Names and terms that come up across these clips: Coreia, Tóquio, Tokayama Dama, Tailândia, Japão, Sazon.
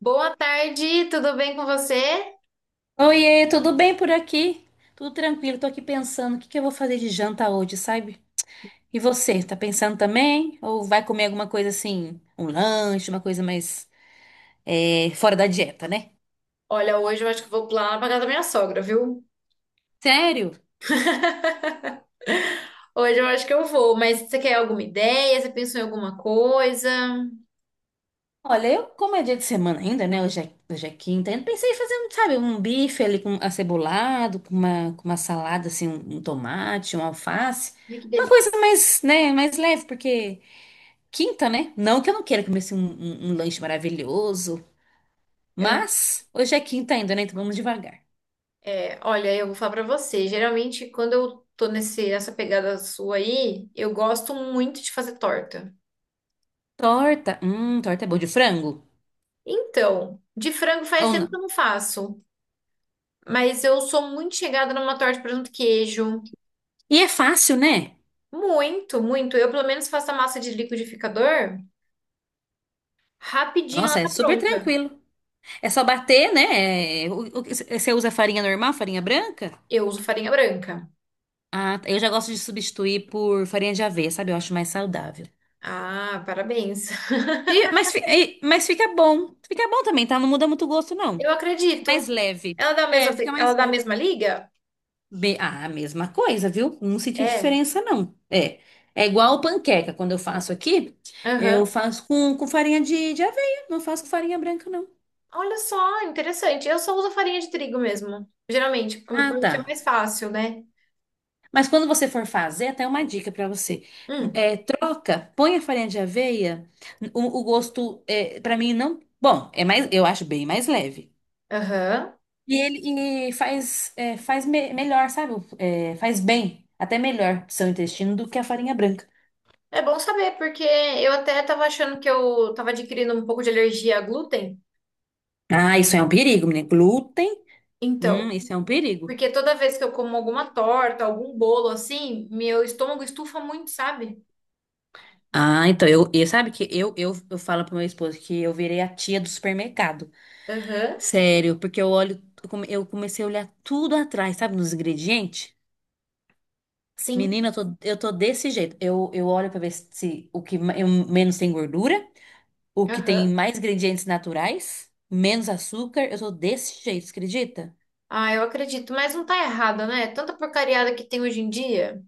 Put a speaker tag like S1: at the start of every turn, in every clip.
S1: Boa tarde, tudo bem com você?
S2: Oiê, tudo bem por aqui? Tudo tranquilo, tô aqui pensando o que que eu vou fazer de janta hoje, sabe? E você, tá pensando também? Ou vai comer alguma coisa assim, um lanche, uma coisa mais, fora da dieta, né?
S1: Olha, hoje eu acho que eu vou lá pra casa da minha sogra, viu?
S2: Sério?
S1: Hoje eu acho que eu vou, mas você quer alguma ideia? Você pensou em alguma coisa?
S2: Olha, eu, como é dia de semana ainda, né? Hoje é quinta, eu pensei em fazer, um, sabe, um bife ali com acebolado, com uma salada, assim, um tomate, um alface.
S1: Ai, que
S2: Uma
S1: delícia.
S2: coisa mais, né, mais leve, porque quinta, né? Não que eu não queira comer assim, um um lanche maravilhoso. Mas hoje é quinta ainda, né? Então vamos devagar.
S1: É, olha, eu vou falar pra você. Geralmente, quando eu tô nessa pegada sua aí, eu gosto muito de fazer torta.
S2: Torta. Torta é boa de frango?
S1: Então, de frango faz
S2: Ou
S1: tempo
S2: não?
S1: que eu não faço, mas eu sou muito chegada numa torta de presunto e queijo.
S2: E é fácil, né?
S1: Muito, muito. Eu, pelo menos, faço a massa de liquidificador, rapidinho ela
S2: Nossa, é
S1: tá
S2: super
S1: pronta.
S2: tranquilo. É só bater, né? É, você usa farinha normal, farinha branca?
S1: Eu uso farinha branca.
S2: Ah, tá. Eu já gosto de substituir por farinha de aveia, sabe? Eu acho mais saudável.
S1: Ah, parabéns.
S2: Mas fica bom. Fica bom também, tá? Não muda muito o gosto,
S1: Eu
S2: não. Fica
S1: acredito.
S2: mais leve.
S1: Ela dá a
S2: É,
S1: mesma,
S2: fica
S1: ela
S2: mais
S1: dá a
S2: leve.
S1: mesma liga?
S2: Ah, a mesma coisa, viu? Não senti
S1: É.
S2: diferença, não. É. É igual panqueca. Quando eu faço aqui, eu
S1: Aham.
S2: faço com farinha de aveia. Não faço com farinha branca, não.
S1: Olha só, interessante. Eu só uso farinha de trigo mesmo. Geralmente, por
S2: Ah,
S1: por
S2: tá.
S1: ser mais fácil, né?
S2: Mas quando você for fazer, até uma dica pra você.
S1: Hum.
S2: É, troca, põe a farinha de aveia. O gosto, é, para mim, não. Bom, é mais, eu acho bem mais leve.
S1: Aham.
S2: E ele e faz, é, faz melhor, sabe? É, faz bem, até melhor pro seu intestino do que a farinha branca.
S1: É bom saber, porque eu até tava achando que eu tava adquirindo um pouco de alergia a glúten.
S2: Ah, isso é um perigo, menina. Glúten.
S1: Então,
S2: Isso é um perigo.
S1: porque toda vez que eu como alguma torta, algum bolo assim, meu estômago estufa muito, sabe?
S2: Ah, então eu sabe que eu falo pro meu esposo que eu virei a tia do supermercado.
S1: Aham.
S2: Sério, porque eu olho, eu comecei a olhar tudo atrás, sabe, nos ingredientes.
S1: Sim.
S2: Menina, eu tô desse jeito. Eu olho pra ver se o que menos tem gordura, o que tem
S1: Aham.
S2: mais ingredientes naturais, menos açúcar. Eu tô desse jeito, você acredita?
S1: Ah, eu acredito, mas não tá errado, né? Tanta porcariada que tem hoje em dia.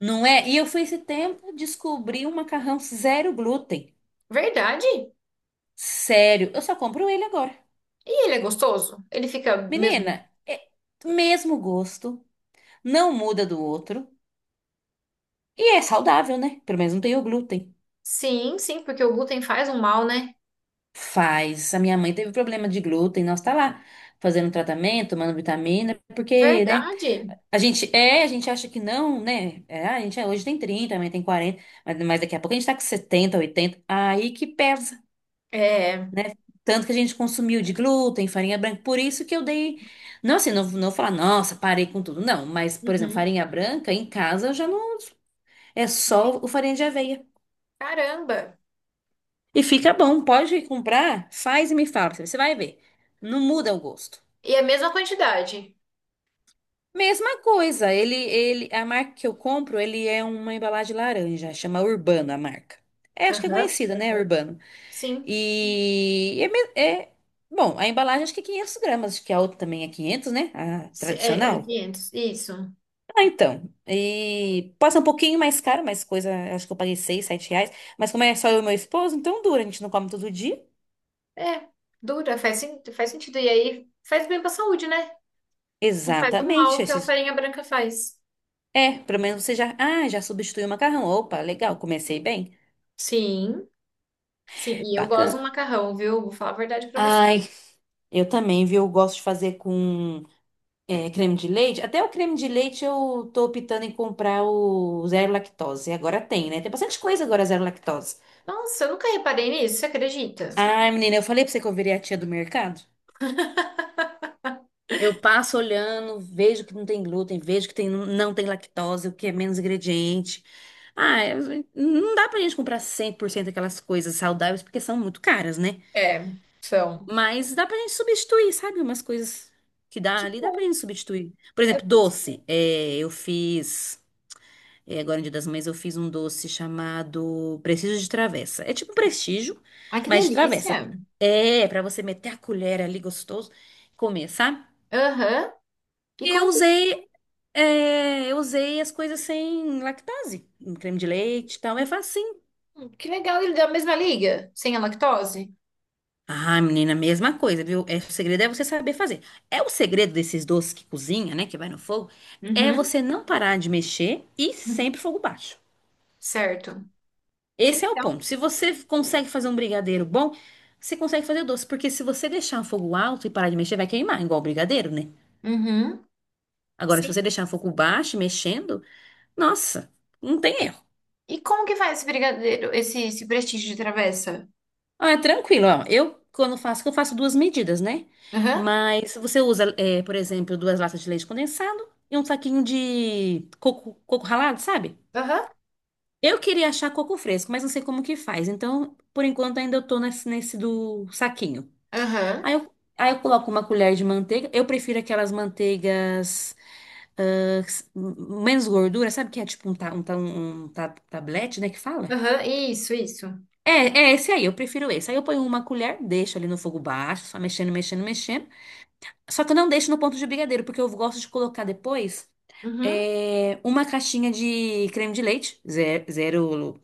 S2: Não é? E eu fui esse tempo descobrir um macarrão zero glúten.
S1: Verdade.
S2: Sério, eu só compro ele agora.
S1: E ele é gostoso? Ele fica mesmo?
S2: Menina, é mesmo gosto, não muda do outro e é saudável, né? Pelo menos não tem o glúten.
S1: Sim, sim, porque o glúten faz um mal, né?
S2: Faz. A minha mãe teve problema de glúten, nós tá lá fazendo tratamento, tomando vitamina, porque, né?
S1: Verdade.
S2: A gente acha que não, né? É, hoje tem 30, amanhã tem 40, mas, daqui a pouco a gente tá com 70, 80. Aí que pesa,
S1: É.
S2: né? Tanto que a gente consumiu de glúten, farinha branca, por isso que eu dei não, assim, não, não vou falar, nossa, parei com tudo, não. Mas, por exemplo,
S1: Uhum.
S2: farinha branca em casa eu já não. É só o farinha de aveia.
S1: Caramba.
S2: E fica bom. Pode comprar, faz e me fala. Você vai ver. Não muda o gosto.
S1: E a mesma quantidade?
S2: Mesma coisa. A marca que eu compro, ele é uma embalagem laranja. Chama Urbano a marca. É, acho que é
S1: Aham.
S2: conhecida, né? Urbano.
S1: Sim.
S2: E é, me- é- bom. A embalagem acho que é 500 gramas. Acho que a outra também é 500, né? A
S1: É, é
S2: tradicional.
S1: 500, isso.
S2: Ah, então. E passa um pouquinho mais caro, mas coisa. Acho que eu paguei 6, R$ 7. Mas como é só eu e meu esposo, então dura. A gente não come todo dia.
S1: É. Dura, faz, faz sentido. E aí faz bem pra saúde, né? Não faz o
S2: Exatamente.
S1: mal que a
S2: Esses-
S1: farinha branca faz.
S2: É, pelo menos você já. Ah, já substituiu o macarrão. Opa, legal, comecei bem.
S1: Sim. Sim, e eu gosto do
S2: Bacana.
S1: macarrão, viu? Vou falar a verdade pra você.
S2: Ai, eu também, viu? Eu Gosto de fazer com é, creme de leite. Até o creme de leite eu tô optando em comprar o zero lactose. Agora tem, né? Tem bastante coisa agora zero lactose.
S1: Nossa, eu nunca reparei nisso, você acredita?
S2: Ai, menina, eu falei pra você que eu virei a tia do mercado. Eu passo olhando, vejo que não tem glúten, vejo que tem, não tem lactose, o que é menos ingrediente. Não dá pra gente comprar 100% aquelas coisas saudáveis, porque são muito caras, né?
S1: É, são.
S2: Mas dá pra gente substituir, sabe? Umas coisas que dá
S1: Que
S2: ali, dá pra
S1: bom,
S2: gente substituir. Por
S1: é
S2: exemplo,
S1: bom saber.
S2: doce. É, eu fiz, é, agora no Dia das Mães, eu fiz um doce chamado Prestígio de Travessa. É tipo um prestígio,
S1: Ai, que
S2: mas de travessa.
S1: delícia.
S2: É, pra você meter a colher ali gostoso e comer, sabe?
S1: Aham. E
S2: E Eu
S1: como que...
S2: usei eu usei as coisas sem lactase, um creme de leite e tal, é facinho.
S1: Hum, que legal, ele da mesma liga, sem a lactose?
S2: Ah, menina, mesma coisa, viu? É, o segredo é você saber fazer. É o segredo desses doces que cozinha, né, que vai no fogo, é
S1: Uhum.
S2: você não parar de mexer e sempre fogo baixo.
S1: Certo. Que
S2: Esse é o
S1: legal.
S2: ponto. Se você consegue fazer um brigadeiro bom, você consegue fazer doce, porque se você deixar o fogo alto e parar de mexer, vai queimar, igual o brigadeiro, né?
S1: Uhum.
S2: Agora, se
S1: Sim.
S2: você deixar o fogo baixo, e mexendo, nossa, não tem erro.
S1: E como que faz esse brigadeiro, esse prestígio de travessa?
S2: Ah, é tranquilo, ó. Eu, quando faço, que eu faço duas medidas, né?
S1: Aham.
S2: Mas você usa, é, por exemplo, duas latas de leite condensado e um saquinho de coco, coco ralado, sabe?
S1: Aham.
S2: Eu queria achar coco fresco, mas não sei como que faz. Então, por enquanto, ainda eu tô nesse, nesse do saquinho.
S1: Aham.
S2: Aí eu coloco uma colher de manteiga. Eu prefiro aquelas manteigas ah, menos gordura, sabe? Que é tipo um, ta, um, tablete, né? Que fala?
S1: Aham. Isso, isso.
S2: É, é esse aí, eu prefiro esse. Aí eu ponho uma colher, deixo ali no fogo baixo, só mexendo, mexendo, mexendo. Só que eu não deixo no ponto de brigadeiro, porque eu gosto de colocar depois
S1: Uhum.
S2: é, uma caixinha de creme de leite, zero, zero,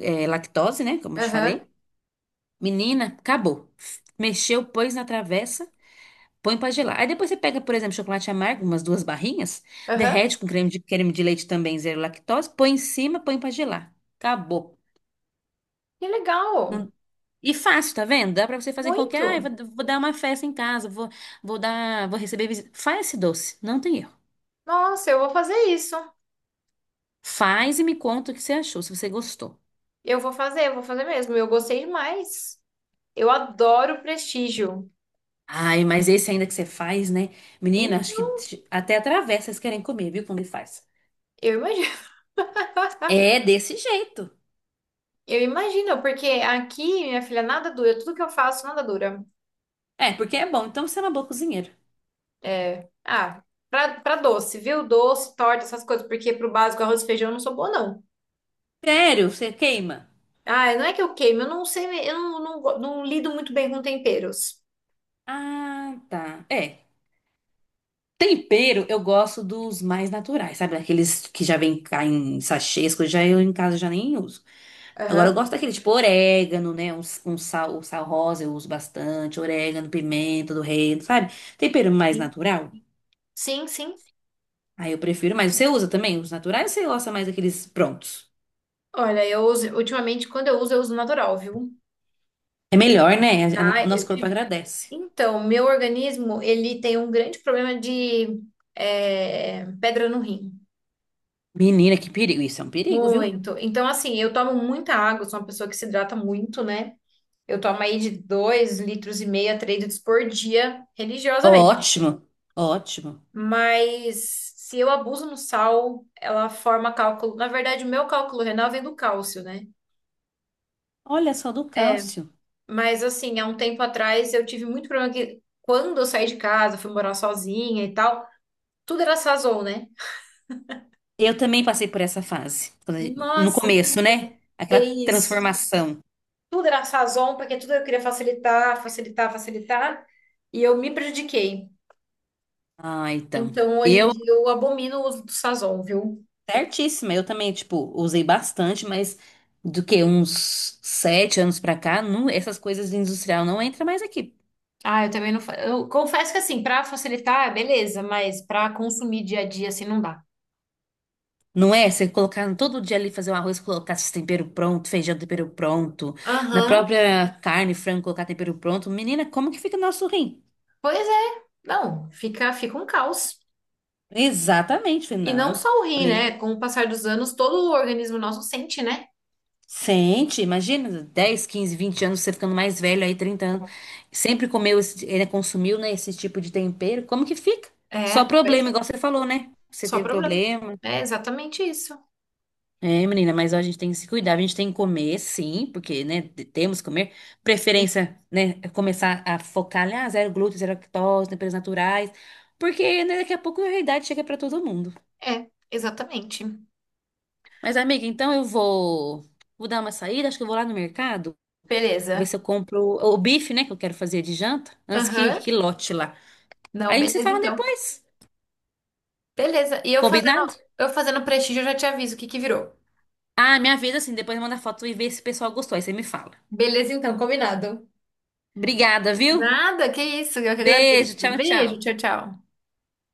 S2: é, lactose, né? Como eu te
S1: Aham.
S2: falei. Menina, acabou. Mexeu, pôs na travessa, põe pra gelar. Aí depois você pega, por exemplo, chocolate amargo, umas duas barrinhas,
S1: Aham.
S2: derrete com creme creme de leite também, zero lactose, põe em cima, põe pra gelar. Acabou.
S1: Que legal.
S2: E fácil, tá vendo? Dá pra você fazer em qualquer. Ah,
S1: Muito.
S2: vou dar uma festa em casa, vou dar, vou receber visita. Faz esse doce, não tem erro.
S1: Nossa, eu vou fazer isso.
S2: Faz e me conta o que você achou, se você gostou.
S1: Eu vou fazer mesmo. Eu gostei demais. Eu adoro prestígio.
S2: Ai, mas esse ainda que você faz, né? Menina,
S1: Hein?
S2: acho que até atravessa, vocês querem comer, viu? Quando ele faz.
S1: Eu imagino.
S2: É desse jeito.
S1: Eu imagino, porque aqui, minha filha, nada dura. Tudo que eu faço, nada dura.
S2: É, porque é bom, então você é uma boa cozinheira.
S1: É. Ah, pra, pra doce, viu? Doce, torta, essas coisas. Porque pro básico, arroz e feijão, eu não sou boa, não.
S2: Sério, você queima?
S1: Ah, não é que eu queimo. Eu não sei, eu não lido muito bem com temperos.
S2: Ah, tá. É. Tempero, eu gosto dos mais naturais, sabe? Aqueles que já vem cá em sachês, coisa, já eu em casa já nem uso. Agora eu
S1: Aham.
S2: gosto daquele tipo orégano, né? Um sal, o sal rosa eu uso bastante, orégano, pimenta do reino, sabe? Tempero mais
S1: Sim,
S2: natural.
S1: sim, sim.
S2: Aí eu prefiro, mas você usa também os naturais ou você gosta mais daqueles prontos?
S1: Olha, eu uso, ultimamente, quando eu uso natural, viu?
S2: É melhor, né?
S1: Ah,
S2: O nosso
S1: eu
S2: corpo
S1: tive.
S2: agradece.
S1: Então, meu organismo, ele tem um grande problema de pedra no rim.
S2: Menina, que perigo. Isso é um perigo, viu?
S1: Muito. Então, assim, eu tomo muita água, sou uma pessoa que se hidrata muito, né? Eu tomo aí de 2,5 litros a 3 litros por dia, religiosamente.
S2: Ótimo, ótimo.
S1: Mas se eu abuso no sal, ela forma cálculo. Na verdade, o meu cálculo renal vem do cálcio, né?
S2: Olha só do cálcio.
S1: Mas, assim, há um tempo atrás eu tive muito problema que quando eu saí de casa, fui morar sozinha e tal, tudo era Sazon, né?
S2: Eu também passei por essa fase. No
S1: Nossa,
S2: começo, né?
S1: é
S2: Aquela
S1: isso.
S2: transformação.
S1: Tudo era Sazon, porque tudo eu queria facilitar, facilitar, facilitar. E eu me prejudiquei.
S2: Ah, então.
S1: Então, hoje em
S2: Eu
S1: dia, eu abomino o uso do Sazon, viu?
S2: Certíssima, eu também, tipo, usei bastante, mas do que uns 7 anos pra cá, não, essas coisas de industrial não entra mais aqui.
S1: Ah, eu também não. Eu confesso que, assim, pra facilitar, beleza, mas pra consumir dia a dia, assim, não dá.
S2: Não é? Você colocar todo dia ali fazer um arroz, colocar esse tempero pronto, feijão tempero pronto, na
S1: Aham.
S2: própria carne, frango, colocar tempero pronto. Menina, como que fica nosso rim?
S1: Pois é. Não, fica, fica um caos.
S2: Exatamente, falei,
S1: E não
S2: não.
S1: só o rim,
S2: Falei,
S1: né? Com o passar dos anos, todo o organismo nosso sente, né?
S2: sente, imagina, 10, 15, 20 anos, você ficando mais velho aí, 30 anos, sempre comeu, esse, ele consumiu, né, esse tipo de tempero, como que fica?
S1: É,
S2: Só
S1: pois
S2: problema,
S1: é.
S2: igual você falou, né? Você
S1: Só
S2: teve
S1: problema.
S2: problema.
S1: É exatamente isso.
S2: É, menina, mas ó, a gente tem que se cuidar, a gente tem que comer, sim, porque, né, temos que comer.
S1: Sim,
S2: Preferência, né, é começar a focar, né, ah, zero glúten, zero lactose, temperos naturais, porque, né, daqui a pouco a realidade chega pra todo mundo.
S1: é, exatamente.
S2: Mas, amiga, então vou dar uma saída, acho que eu vou lá no mercado. Vou ver se
S1: Beleza.
S2: eu compro o bife, né, que eu quero fazer de janta, antes
S1: Aham.
S2: que lote lá.
S1: Não,
S2: Aí a gente se
S1: beleza
S2: fala
S1: então.
S2: depois.
S1: Beleza. E
S2: Combinado?
S1: eu fazendo prestígio, eu já te aviso o que que virou.
S2: Ah, minha vida assim, depois manda foto e vê se o pessoal gostou. Aí você me fala.
S1: Beleza, então, combinado.
S2: Obrigada, viu?
S1: Nada, que isso, eu que
S2: Beijo,
S1: agradeço.
S2: tchau,
S1: Beijo,
S2: tchau.
S1: tchau, tchau.